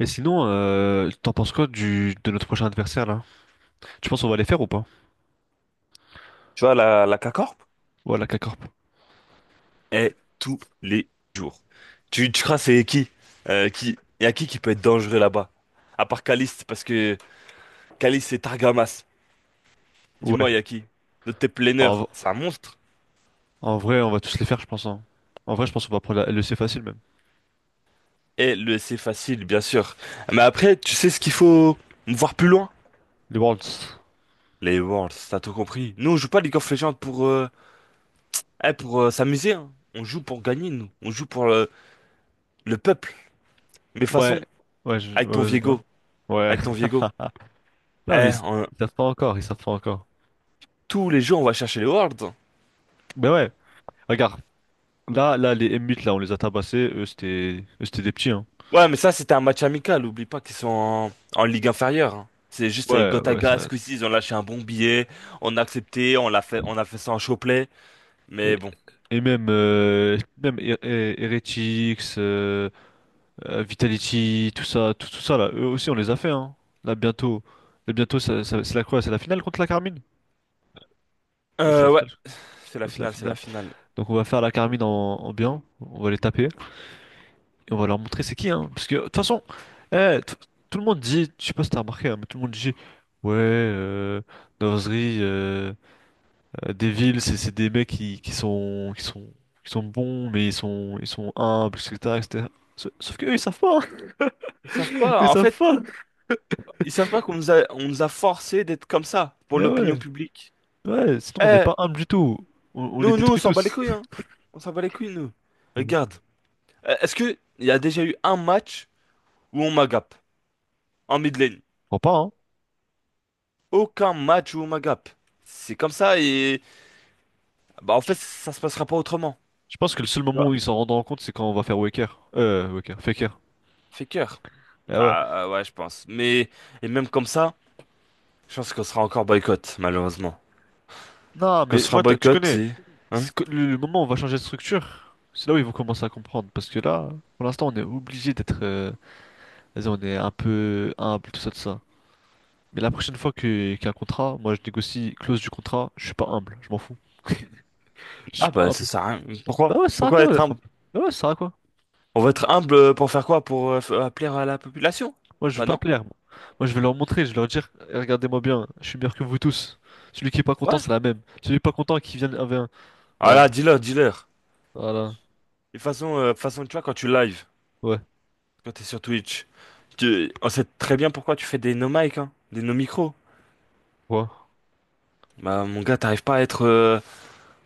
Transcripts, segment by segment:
Mais sinon, t'en penses quoi de notre prochain adversaire là? Tu penses qu'on va les faire ou pas? Tu vois, la K-Corp Voilà, la K-Corp. est tous les jours. Tu crois c'est qui? Qui? Y a qui peut être dangereux là-bas? À part Caliste, parce que Caliste c'est Targamas. Ouais. Dis-moi, y a qui? Notre tes En, v- planeurs, c'est un monstre. en vrai, on va tous les faire, je pense, hein. En vrai, je pense qu'on va prendre le C facile même. Et le c'est facile, bien sûr. Mais après, tu sais ce qu'il faut voir plus loin? Les Worlds. Les Worlds, t'as tout compris. Nous, on joue pas League of Legends pour s'amuser, hein. On joue pour gagner, nous. On joue pour le peuple. Mais de toute Ouais. façon, Ouais, avec ton ouais. Vas-y, dis. Viego, Ouais. avec ton Viego, Non, mais eh, ils on- ils savent pas encore, ils savent pas encore. tous les jours, on va chercher les Worlds. Ben ouais, regarde. Là, là, les M8, là, on les a tabassés. Eux, c'était des petits, hein. Ouais, mais ça, c'était un match amical. Oublie pas qu'ils sont en ligue inférieure, hein. C'est juste Ouais, ouais, Gotaga, ça. ce coup-ci, ils ont lâché un bon billet. On a accepté, on l'a fait, on a fait ça en chopelet. Et, Mais bon. et même, Heretics, Vitality, tout ça, tout ça là, eux aussi on les a fait, hein. Là bientôt, là bientôt, c'est la quoi? C'est la finale contre la Carmine? Ouais, c'est la Ouais, finale. c'est la Ouais, c'est la finale, c'est la finale. finale. Donc on va faire la Carmine en bien, on va les taper et on va leur montrer c'est qui, hein. Parce que de toute façon, eh, t- tout le monde dit, je sais pas si t'as remarqué, hein, mais tout le monde dit ouais, Nozri, Devil, c'est des mecs qui sont bons mais ils sont humbles, etc. etc. Sauf que eux ils savent pas, hein. Ils savent pas, Ils en savent fait, pas. ils savent pas qu'on nous a forcé d'être comme ça pour Eh l'opinion ouais. publique. Ouais, sinon on n'est Eh, pas humble du tout. On les Nous, nous, on détruit s'en bat les tous. couilles, hein. On s'en bat les couilles, nous. Mhm. Regarde. Est-ce que il y a déjà eu un match où on m'agape en mid lane? Crois pas, hein. Aucun match où on m'agape. C'est comme ça, et bah, en fait, ça se passera pas autrement. Je pense que le seul Tu moment vois. où ils s'en rendront compte, c'est quand on va faire Waker. Faker. Fait cœur. Ah ouais. Ah, ah, ouais, je pense. Mais, et même comme ça, je pense qu'on sera encore boycott, malheureusement. Non, Qu'on mais sera moi, tu boycott, connais. c'est. Hein? C'est que le moment où on va changer de structure, c'est là où ils vont commencer à comprendre. Parce que là, pour l'instant, on est obligé d'être, vas-y, on est un peu humble, tout ça, tout ça. Mais la prochaine fois qu'il y a un contrat, moi, je négocie clause du contrat. Je suis pas humble, je m'en fous. Je suis Ah, pas bah, ça humble. sert à rien. Bah Pourquoi? ouais, ça sert à Pourquoi quoi être d'être humble? humble? Bah ouais, ça sert à quoi? On va être humble pour faire quoi? Pour plaire à la population? Moi, je veux Bah, pas non. plaire, moi. Moi, je vais leur montrer, je vais leur dire, eh, regardez-moi bien, je suis meilleur que vous tous. Celui qui est pas content, Ouais. c'est la même. Celui qui est pas content, qui vient avec un. Ah Voilà. là, dis-leur, dis-leur. Voilà. Et de toute façon, tu vois, quand tu live, Ouais. quand t'es sur Twitch, on sait très bien pourquoi tu fais des no mic, hein, des no micro. Ouais. Bah, mon gars, t'arrives pas à être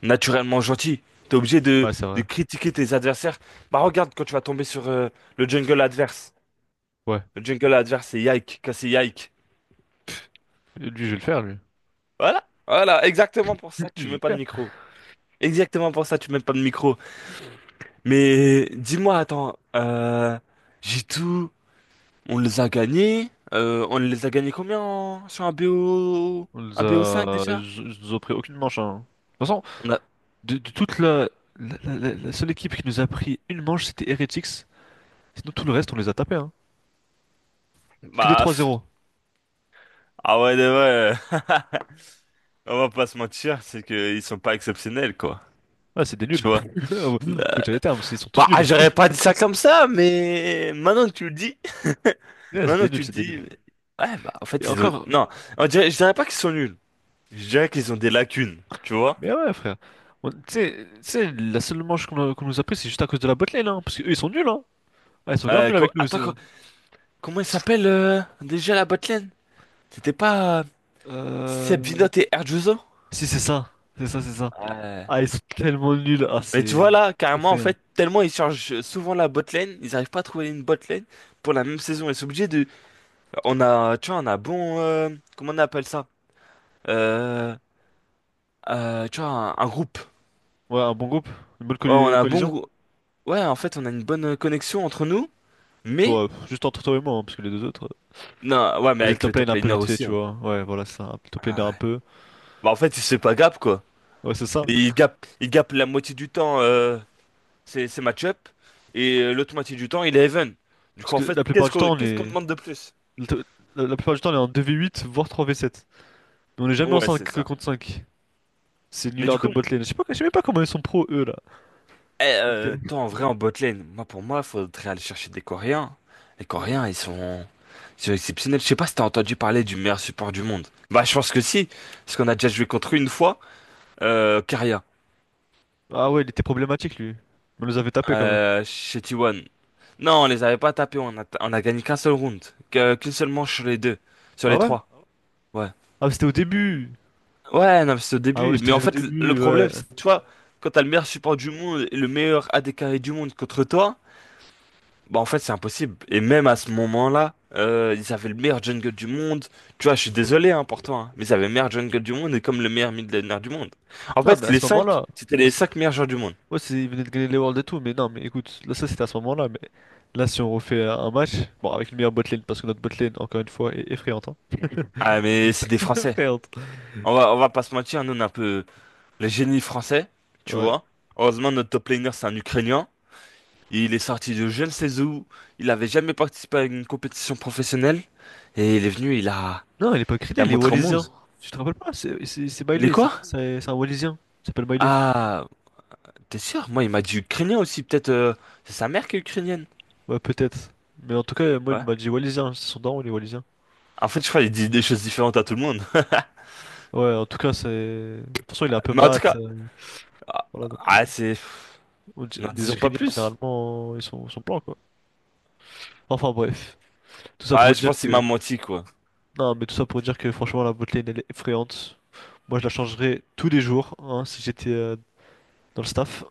naturellement gentil. T'es obligé de, Ouais, c'est vrai. de critiquer tes adversaires. Bah regarde quand tu vas tomber sur le jungle adverse. Ouais. Le jungle adverse, c'est Yike, c'est Yike. Et lui, je vais le faire, lui. Voilà, voilà, exactement pour ça que Lui, tu je vais le mets pas de faire. micro. Exactement pour ça que tu mets pas de micro. Mais dis-moi, attends, j'ai tout, on les a gagnés. On les a gagnés combien sur un BO, un BO5 déjà? Ils nous ont pris aucune manche, hein. De toute façon, On a- de toute la... La seule équipe qui nous a pris une manche, c'était Heretics. Sinon, tout le reste, on les a tapés, hein. Que des Bah, pff. 3-0. Ah ouais, ouais. Ouais. On va pas se mentir, c'est qu'ils sont pas exceptionnels, quoi. Ah, c'est des nuls. Tu vois? Faut dire les termes, ils sont tous Bah, nuls. j'aurais pas dit ça comme ça, mais maintenant que tu le dis, Ouais, c'est maintenant des que nuls, tu le c'est des dis, nuls. ouais, bah, en Et fait, ils ont, encore. non, je dirais pas qu'ils sont nuls. Je dirais qu'ils ont des lacunes, tu vois. Mais ouais, frère. Tu sais, la seule manche qu'on nous a pris, c'est juste à cause de la botlane, hein. Parce qu'eux, ils sont nuls, hein. Ah, ils sont grave nuls avec nous aussi, Attends, hein. comment il s'appelle, déjà la botlane? C'était pas, Seb Euh... Vinote et Herjuzo? Si, c'est ça. C'est ça, c'est ça. Ouais. Ah, ils sont tellement nuls. Ah, Mais tu c'est vois là, carrément, en effrayant. fait, tellement ils changent souvent la botlane, ils arrivent pas à trouver une botlane pour la même saison. Ils sont obligés de, on a, tu vois, on a bon, comment on appelle ça? Euh, Tu vois, un groupe. Ouais, un bon groupe. Une bonne Oh, on a un bon collision. goût. Ouais, en fait, on a une bonne connexion entre nous, mais... Bon, pff, juste entre toi et moi, hein, parce que les deux autres... Non, ouais, mais Vas-y, le avec le top lane top un peu laner vite fait, aussi, tu hein. vois. Ouais, voilà, c'est ça. Le top lane Ah, un ouais. peu... Bah, en fait, c'est pas gap, quoi. Ouais, c'est ça. Et il gap la moitié du temps, c'est match-up, et l'autre moitié du temps, il est even. Du Parce coup, en que fait, la plupart qu'est-ce du qu'on temps, on qu'est-ce qu'on est... demande de plus? le to- la plupart du temps, on est en 2v8, voire 3v7. Mais on est jamais en Ouais, c'est 5 ça. contre 5. C'est Mais du Nullard de coup, botlane. Je sais pas, je sais même pas comment ils sont pro, eux, là. Ok. toi, en vrai, en bot lane, moi, pour moi, faudrait aller chercher des Coréens. Les Coréens, ils sont exceptionnels. Je sais pas si t'as entendu parler du meilleur support du monde. Bah, je pense que si, parce qu'on a déjà joué contre eux une fois. Caria, Ah ouais, il était problématique, lui. On nous avait tapé quand même. Chez T1. Non, on les avait pas tapés, on a gagné qu'un seul round, qu'une seule manche sur les deux, sur Ah les ouais? trois. Ouais. Ah, mais c'était au début. Ouais, non, mais c'est au Ah ouais, début. Mais en c'était au fait, le début, problème, ouais. c'est que tu vois, quand t'as le meilleur support du monde et le meilleur AD carré du monde contre toi, bah en fait, c'est impossible. Et même à ce moment-là, ils avaient le meilleur jungle du monde. Tu vois, je suis désolé hein, pour toi, hein, mais ils avaient le meilleur jungle du monde et comme le meilleur mid laner du monde. En Non, mais fait, à les ce cinq, moment-là. c'était à les ce- cinq meilleurs joueurs du monde. Ouais, c'est, ils venaient de gagner les Worlds et tout, mais non, mais écoute, là, ça c'était à ce moment-là, mais là, si on refait un match, bon, avec une meilleure botlane, parce que notre botlane, encore une fois, est effrayante, hein. Ah, mais c'est des Français. Effrayante. On va pas se mentir, nous on est un peu le génie français, tu Ouais. vois. Heureusement, notre top laner c'est un Ukrainien. Il est sorti de je ne sais où. Il avait jamais participé à une compétition professionnelle. Et il est venu, il a, Non, il est pas il a criminel, il est montré au monde. Wallisien. Tu te rappelles pas? C'est Il est Miley, c'est quoi? c'est- c'est un Wallisien. Il s'appelle Miley. Ah, t'es sûr? Moi, il m'a dit Ukrainien aussi. Peut-être c'est sa mère qui est ukrainienne. Ouais, peut-être. Mais en tout cas, moi, il Ouais. m'a dit Wallisien. C'est son daron, il est Wallisien. En fait, je crois qu'il dit des choses différentes à tout le monde. Ouais, en tout cas, c'est. De toute façon, il est un peu Mais en tout mat, cas, ah, voilà, donc, ah, c'est. N'en les disons pas Ukrainiens, plus. généralement, ils sont blancs, quoi. Enfin, bref. Tout ça Ah, pour je dire pense qu'il m'a que. menti, quoi. Non, mais tout ça pour dire que, franchement, la botlane, elle est effrayante. Moi, je la changerais tous les jours, hein, si j'étais, dans le staff.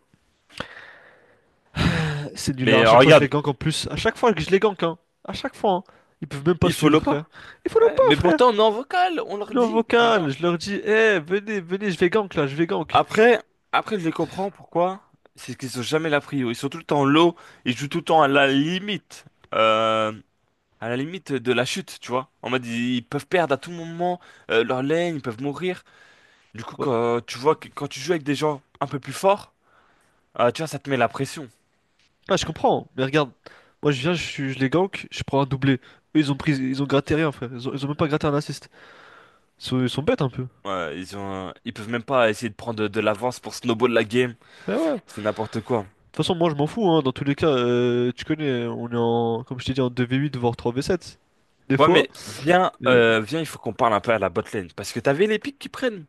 C'est nul, Mais à chaque fois, je les regarde, gank en plus. À chaque fois que je les gank, hein. À chaque fois, hein. Ils peuvent même pas il suivre, follow frère. pas. Il faut le Ouais, pas, mais frère. pourtant, on est en vocal, on On leur est en dit. Mais non. vocal, je leur dis, eh, venez, venez, je vais gank là, je vais gank. Après, après, je les comprends pourquoi. C'est qu'ils sont jamais la prio. Ils sont tout le temps low. Ils jouent tout le temps à la limite, euh, à la limite de la chute, tu vois. En mode, ils peuvent perdre à tout moment leur lane, ils peuvent mourir. Du coup, quand tu vois que quand tu joues avec des gens un peu plus forts, tu vois, ça te met la pression. Ah, je comprends, mais regarde, moi je viens, je les gank, je prends un doublé. Eux, ils ont pris, ils ont gratté rien, frère. Ils ont même pas gratté un assist. Ils sont bêtes un peu. Ouais, ils ont, ils peuvent même pas essayer de prendre de l'avance pour snowball la game. Eh ouais. De C'est n'importe quoi. toute façon, moi je m'en fous, hein. Dans tous les cas, tu connais, on est en, comme je t'ai dit, en 2v8 voire 3v7. Des Ouais, fois. mais viens, Bon. euh, viens, il faut qu'on parle un peu à la botlane. Parce que t'avais les pics qui prennent.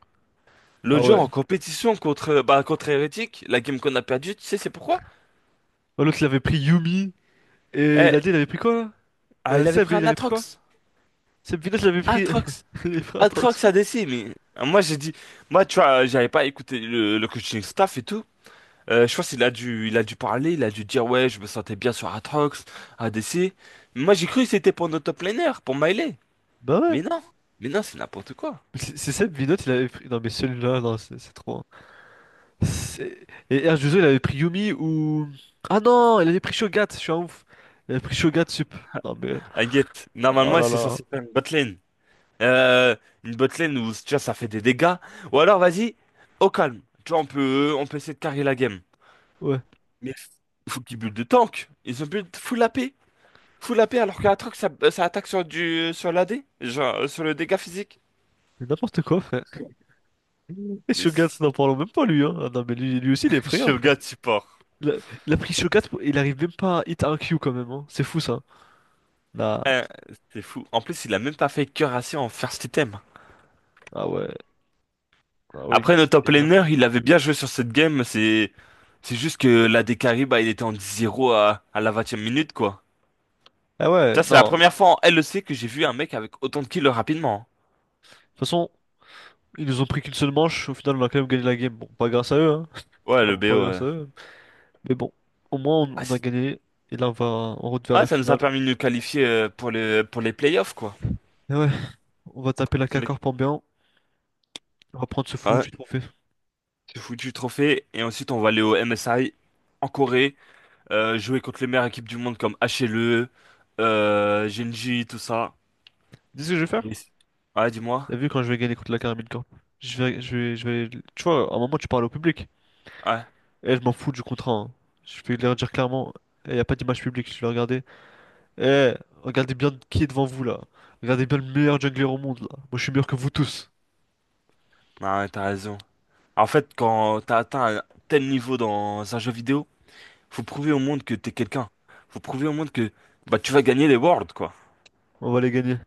Ah L'autre jour, ouais. en compétition contre, bah, contre Hérétique, la game qu'on a perdue, tu sais, c'est pourquoi? Ah, l'autre, il avait pris Yumi. Et Eh, l'AD, il avait pris quoi là? Il avait Seb, pris il un avait pris quoi? Atrox. Seb Vinot, il avait pris. Atrox. Les frères Trox, Atrox a frère. ADC, mais moi j'ai dit, moi tu vois, j'avais pas écouté le coaching staff et tout. Je pense qu'il a dû, parler, il a dû dire ouais, je me sentais bien sur Atrox, ADC. Mais moi j'ai cru que c'était pour notre top laner, pour Miley. Bah ouais. Mais non, mais non, c'est n'importe quoi. Mais c'est Seb Vinot, il avait pris. Non, mais celui-là, non, c'est trop, hein. Et H2O, il avait pris Yumi ou... Ah non, il avait pris Shogat, je suis un ouf. Il avait pris Shogat Sup. Non mais... Aguette, Oh normalement là c'est là. censé faire une botlane. Euh, une botlane où déjà ça fait des dégâts. Ou alors vas-y, au calme. Tu vois, on peut essayer de carrer la game. Ouais. Mais faut qu'ils build de tank. Ils ont build full AP. Full AP alors que la truc ça, ça attaque sur l'AD. Genre sur le dégât physique. Mais n'importe quoi, frère. Et Mais Shogat, c'est- n'en parlons même pas, lui. Hein. Ah non mais lui aussi, il est prêt, hein, frère. Shogun support. Il a, il a pris Shogat, il arrive même pas à hit un Q quand même, hein. C'est fou, ça. Là. Euh, c'est fou. En plus, il a même pas fait cœur assez en first item. Ah ouais. Ah ouais, Après, notre top galère, laner, frère. il avait bien joué sur cette game. C'est juste que l'AD carry, bah, il était en 10-0 à la 20e minute, quoi. Ah ouais, Ça, c'est la non. De première fois en LEC que j'ai vu un mec avec autant de kills rapidement, toute façon, ils nous ont pris qu'une seule manche. Au final, on a quand même gagné la game. Bon, pas grâce à eux, hein. hein. Ouais, le Clairement pas BO, grâce à eux. Mais bon, au moins, ah, on a c'est- gagné. Et là, on va en route vers ouais, la ça nous a finale. permis de nous qualifier pour les playoffs, quoi. Et ouais, on va taper la Les- K-Corp en bien. On va prendre ce fou Ouais, du trophée. c'est foutu trophée. Et ensuite, on va aller au MSI en Corée, jouer contre les meilleures équipes du monde comme HLE, Genji, tout ça. Tu sais ce que je vais Et faire? ouais, dis-moi. T'as vu quand je vais gagner contre la Caramel Corp? Tu vois, à un moment, tu parles au public. Ouais, Eh, je m'en fous du contrat, hein. Je vais leur dire clairement, il n'y a pas d'image publique. Je vais regarder. Eh, regardez bien qui est devant vous, là. Regardez bien le meilleur jungler au monde, là. Moi, je suis meilleur que vous tous. non, ouais, t'as raison. En fait, quand t'as atteint un tel niveau dans un jeu vidéo, faut prouver au monde que t'es quelqu'un. Faut prouver au monde que bah, tu vas gagner les Worlds, quoi. On va les gagner.